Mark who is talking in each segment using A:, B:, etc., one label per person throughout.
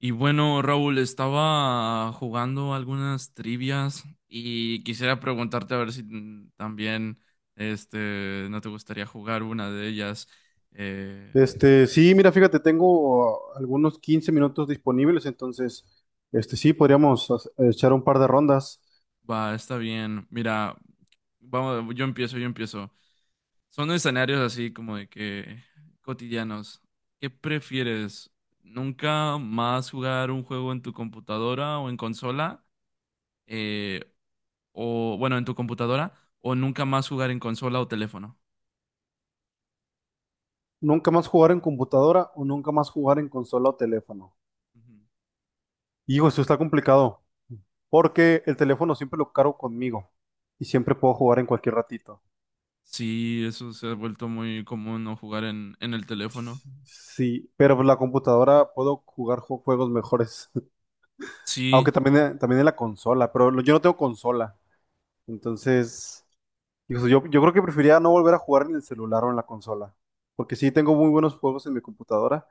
A: Y bueno, Raúl, estaba jugando algunas trivias y quisiera preguntarte a ver si también este, no te gustaría jugar una de ellas. Eh,
B: Este, sí, mira, fíjate, tengo algunos 15 minutos disponibles, entonces, este, sí, podríamos echar un par de rondas.
A: Va, está bien. Mira, vamos, yo empiezo. Son escenarios así como de que cotidianos. ¿Qué prefieres? ¿Nunca más jugar un juego en tu computadora o en consola? Eh, o bueno, en tu computadora o nunca más jugar en consola o teléfono.
B: Nunca más jugar en computadora o nunca más jugar en consola o teléfono.
A: Ujú.
B: Hijo, eso está complicado, porque el teléfono siempre lo cargo conmigo y siempre puedo jugar en cualquier ratito.
A: Sí, eso se ha vuelto muy común no jugar en el teléfono.
B: Sí, pero la computadora puedo jugar juegos mejores.
A: Sí,
B: Aunque también, también en la consola, pero yo no tengo consola, entonces, yo creo que preferiría no volver a jugar en el celular o en la consola, porque sí tengo muy buenos juegos en mi computadora,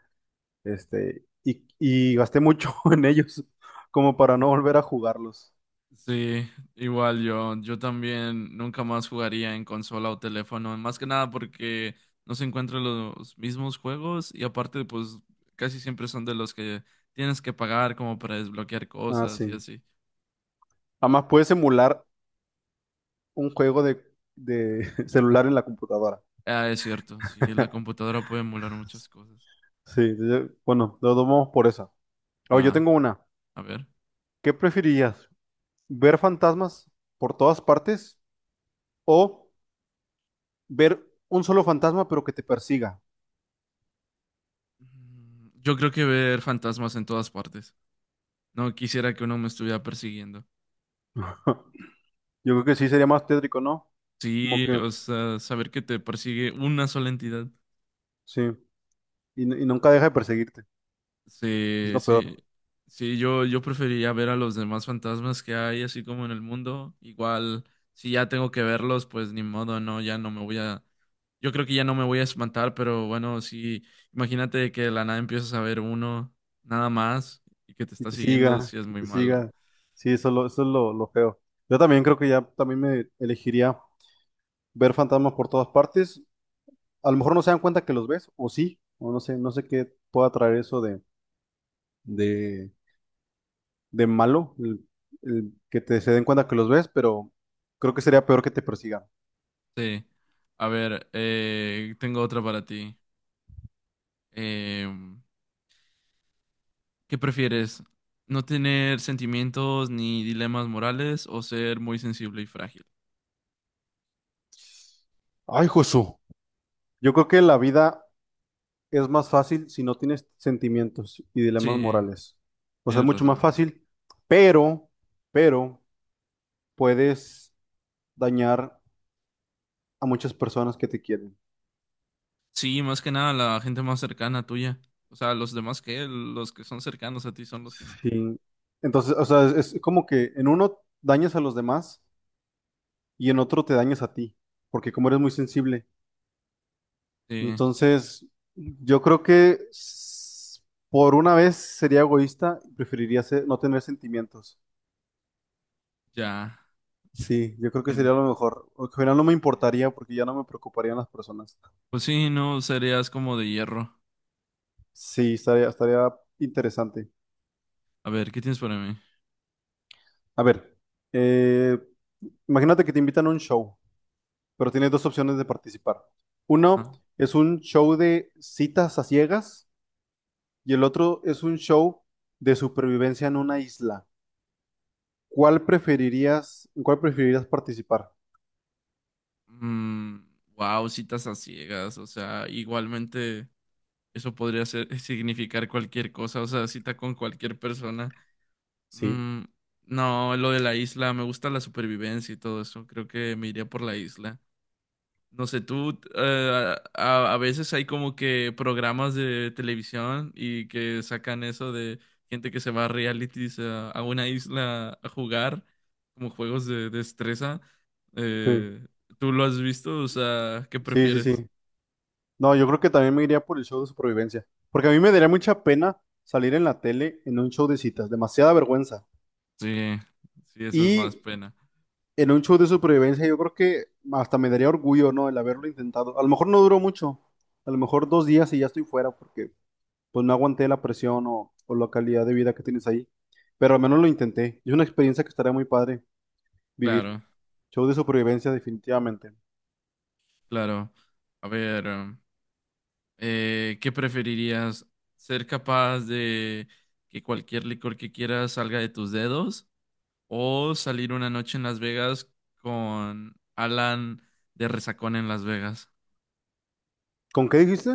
B: este, y gasté mucho en ellos como para no volver a jugarlos.
A: sí, igual yo también nunca más jugaría en consola o teléfono, más que nada porque no se encuentran los mismos juegos y aparte pues casi siempre son de los que tienes que pagar como para desbloquear
B: Ah,
A: cosas y
B: sí.
A: así.
B: Además, puedes emular un juego de celular en la computadora.
A: Ah, es cierto, sí, la computadora puede emular muchas cosas.
B: Sí, bueno, lo tomamos por esa.
A: Va,
B: Ahora, yo tengo una.
A: a ver.
B: ¿Qué preferirías? ¿Ver fantasmas por todas partes o ver un solo fantasma pero que te persiga?
A: Yo creo que ver fantasmas en todas partes. No quisiera que uno me estuviera persiguiendo.
B: Yo creo que sí sería más tétrico, ¿no? Como
A: Sí,
B: que,
A: o sea, saber que te persigue una sola entidad.
B: sí. Y nunca deja de perseguirte. Es
A: Sí,
B: lo
A: sí,
B: peor.
A: sí, yo preferiría ver a los demás fantasmas que hay, así como en el mundo. Igual, si ya tengo que verlos, pues ni modo, no, Yo creo que ya no me voy a espantar, pero bueno, sí, imagínate que de la nada empiezas a ver uno, nada más, y que te
B: Y
A: está
B: te
A: siguiendo,
B: siga,
A: sí es
B: y
A: muy
B: te
A: malo.
B: siga. Sí, eso es lo feo. Yo también creo que ya también me elegiría ver fantasmas por todas partes. A lo mejor no se dan cuenta que los ves, o sí, o no sé, no sé qué pueda traer eso de, de malo, el que te se den cuenta que los ves, pero creo que sería peor que te persigan.
A: Sí, a ver, tengo otra para ti. Em, ¿Qué prefieres? ¿No tener sentimientos ni dilemas morales o ser muy sensible y frágil?
B: Ay, Jesús. Yo creo que la vida es más fácil si no tienes sentimientos y dilemas
A: Sí,
B: morales. O sea, es
A: tienes
B: mucho más
A: razón.
B: fácil, pero, pero puedes dañar a muchas personas que te quieren.
A: Sí, más que nada la gente más cercana a tuya. O sea, los demás que los que son cercanos a ti son los que importan.
B: Sí. Entonces, o sea, es como que en uno dañas a los demás y en otro te dañas a ti, porque como eres muy sensible.
A: Sí,
B: Entonces, yo creo que por una vez sería egoísta y preferiría no tener sentimientos.
A: ya. En-
B: Sí, yo creo que sería
A: en-
B: lo mejor. O que al final no me importaría
A: Entiendo.
B: porque ya no me preocuparían las personas.
A: Pues sí, no serías como de hierro.
B: Sí, estaría interesante.
A: A ver, ¿qué tienes para mí?
B: A ver, eh, imagínate que te invitan a un show, pero tienes dos opciones de participar. Uno
A: Ajá.
B: es un show de citas a ciegas y el otro es un show de supervivencia en una isla. ¿Cuál preferirías, en cuál preferirías participar?
A: Mm, wow, citas a ciegas. O sea, igualmente eso podría ser, significar cualquier cosa. O sea, cita con cualquier persona.
B: Sí,
A: Mm, no, lo de la isla, me gusta la supervivencia y todo eso. Creo que me iría por la isla. No sé, tú, a veces hay como que programas de televisión y que sacan eso de gente que se va a realities a una isla a jugar, como juegos de destreza.
B: sí,
A: Eh, ¿Tú lo has visto? O sea, ¿qué
B: sí, sí,
A: prefieres?
B: sí. No, yo creo que también me iría por el show de supervivencia, porque a mí me daría mucha pena salir en la tele en un show de citas, demasiada vergüenza.
A: Sí, sí, eso es más
B: Y
A: pena.
B: en un show de supervivencia yo creo que hasta me daría orgullo, ¿no? El haberlo intentado. A lo mejor no duró mucho, a lo mejor 2 días y ya estoy fuera porque pues no aguanté la presión o la calidad de vida que tienes ahí, pero al menos lo intenté. Es una experiencia que estaría muy padre vivir.
A: Claro,
B: Show de supervivencia definitivamente.
A: claro. A ver. ¿Qué preferirías? ¿Ser capaz de que cualquier licor que quieras salga de tus dedos? ¿O salir una noche en Las Vegas con Alan de Resacón en Las Vegas?
B: ¿Con qué dijiste?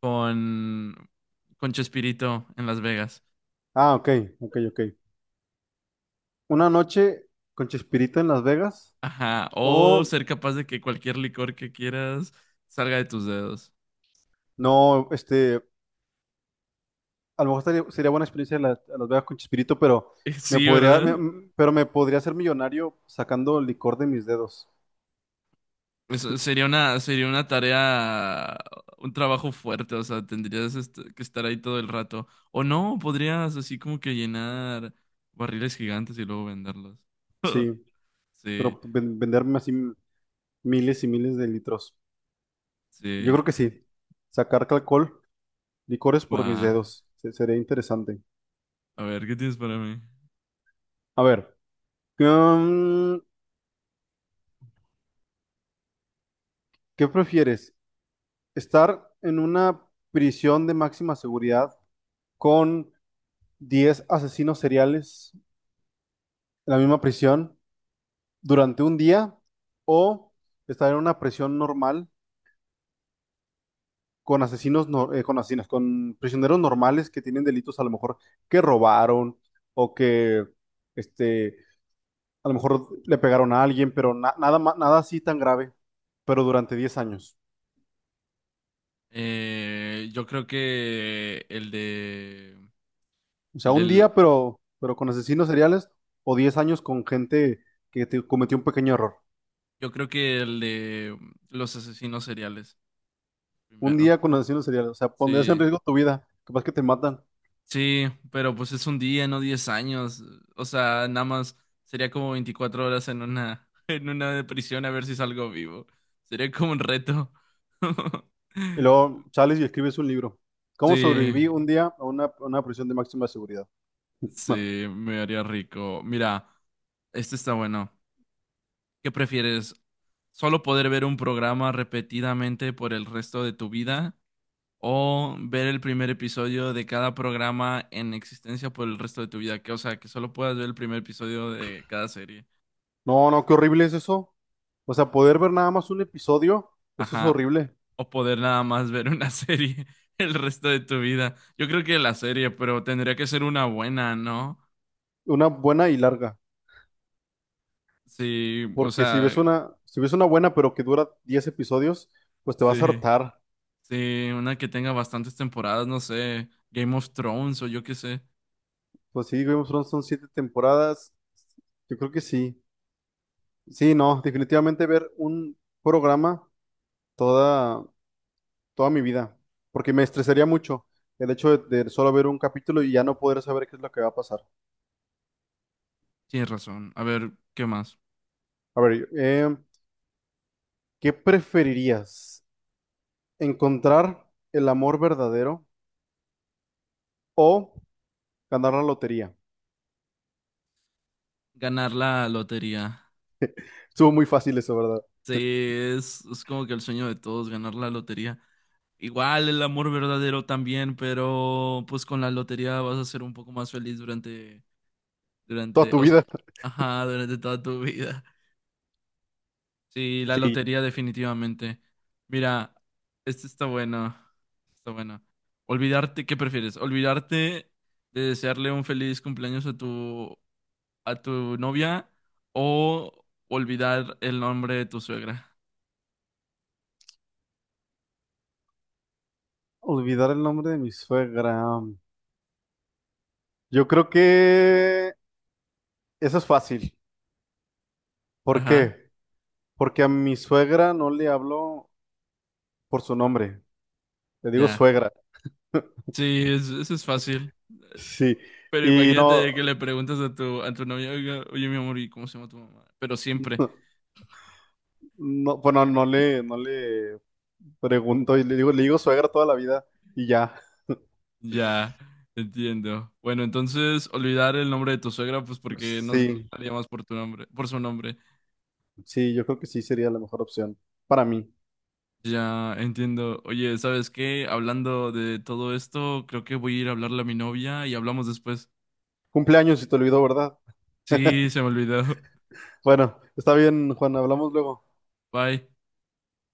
A: Con, con Chespirito en Las Vegas.
B: Ah, ok, ok, ok. Una noche con Chespirito en Las Vegas.
A: Ajá. ¿O
B: O
A: ser capaz de que cualquier licor que quieras salga de tus dedos?
B: No, este, a lo mejor sería buena experiencia a Las Vegas con Chespirito, pero me
A: Sí,
B: podría, me-
A: ¿verdad?
B: m- pero me podría hacer millonario sacando licor de mis dedos.
A: Eso sería una tarea, un trabajo fuerte, o sea, tendrías que estar ahí todo el rato. O no, podrías así como que llenar barriles gigantes y luego venderlos.
B: Sí,
A: Sí,
B: pero venderme así miles y miles de litros. Yo
A: sí,
B: creo que sí. Sacar alcohol, licores por mis
A: va.
B: dedos. Sería interesante.
A: A ver, ¿qué tienes para mí?
B: A ver, mm, ¿qué prefieres? ¿Estar en una prisión de máxima seguridad con 10 asesinos seriales en la misma prisión durante un día o estar en una prisión normal con asesinos, no- con asesinos, con prisioneros normales que tienen delitos a lo mejor que robaron o que, este, a lo mejor le pegaron a alguien, pero nada, nada así tan grave, pero durante 10 años?
A: Eh, yo creo que el de,
B: O sea,
A: el
B: un
A: del,
B: día, pero con asesinos seriales o 10 años con gente que te cometió un pequeño error.
A: yo creo que el de los asesinos seriales,
B: Un
A: primero.
B: día con asesinos seriales, o sea, pondrías en
A: Sí,
B: riesgo tu vida, capaz que te matan.
A: sí, pero pues es un día, no 10 años. O sea, nada más sería como 24 horas en una, en una de prisión a ver si salgo vivo. Sería como un reto.
B: Y luego sales y escribes un libro. ¿Cómo
A: Sí,
B: sobreviví un día a una prisión de máxima seguridad? No,
A: sí, me haría rico. Mira, este está bueno. ¿Qué prefieres? ¿Solo poder ver un programa repetidamente por el resto de tu vida o ver el primer episodio de cada programa en existencia por el resto de tu vida? Que, o sea, que solo puedas ver el primer episodio de cada serie.
B: no, no, qué horrible es eso. O sea, poder ver nada más un episodio, eso es
A: Ajá.
B: horrible.
A: O poder nada más ver una serie el resto de tu vida. Yo creo que la serie, pero tendría que ser una buena, ¿no?
B: Una buena y larga.
A: Sí, o
B: Porque si
A: sea,
B: ves una, si ves una buena pero que dura 10 episodios, pues te vas a
A: sí,
B: hartar.
A: sí, una que tenga bastantes temporadas, no sé, Game of Thrones o yo qué sé.
B: Pues sí, Game of Thrones son 7 temporadas. Yo creo que sí. Sí, no, definitivamente ver un programa toda, toda mi vida, porque me estresaría mucho el hecho de solo ver un capítulo y ya no poder saber qué es lo que va a pasar.
A: Tienes razón. A ver, ¿qué más?
B: A ver, ¿qué preferirías? ¿Encontrar el amor verdadero o ganar la lotería?
A: Ganar la lotería.
B: Estuvo muy fácil eso, ¿verdad?
A: Sí, es como que el sueño de todos, ganar la lotería. Igual el amor verdadero también, pero pues con la lotería vas a ser un poco más feliz durante
B: Toda
A: Durante,
B: tu
A: o sea,
B: vida.
A: ajá, durante toda tu vida. Sí, la
B: Sí.
A: lotería definitivamente. Mira, esto está bueno. Está bueno. ¿Qué prefieres? ¿Olvidarte de desearle un feliz cumpleaños a tu novia o olvidar el nombre de tu suegra?
B: Olvidar el nombre de mi suegra. Yo creo que eso es fácil. ¿Por
A: Ajá,
B: qué? Porque a mi suegra no le hablo por su nombre. Le digo
A: ya.
B: suegra.
A: Sí, eso es fácil.
B: Sí.
A: Pero
B: Y
A: imagínate que
B: no.
A: le preguntas a tu novia, "Oiga, oye, mi amor, ¿y cómo se llama tu mamá?" Pero siempre.
B: No, bueno, no le pregunto y le digo suegra toda la vida y ya.
A: Ya, entiendo. Bueno, entonces olvidar el nombre de tu suegra, pues porque no
B: Sí,
A: la llamas por tu nombre, por su nombre.
B: sí, yo creo que sí sería la mejor opción para mí.
A: Ya, entiendo. Oye, ¿sabes qué? Hablando de todo esto, creo que voy a ir a hablarle a mi novia y hablamos después.
B: Cumpleaños si te olvidó, ¿verdad?
A: Sí, se me olvidó.
B: Bueno, está bien, Juan, hablamos luego.
A: Bye.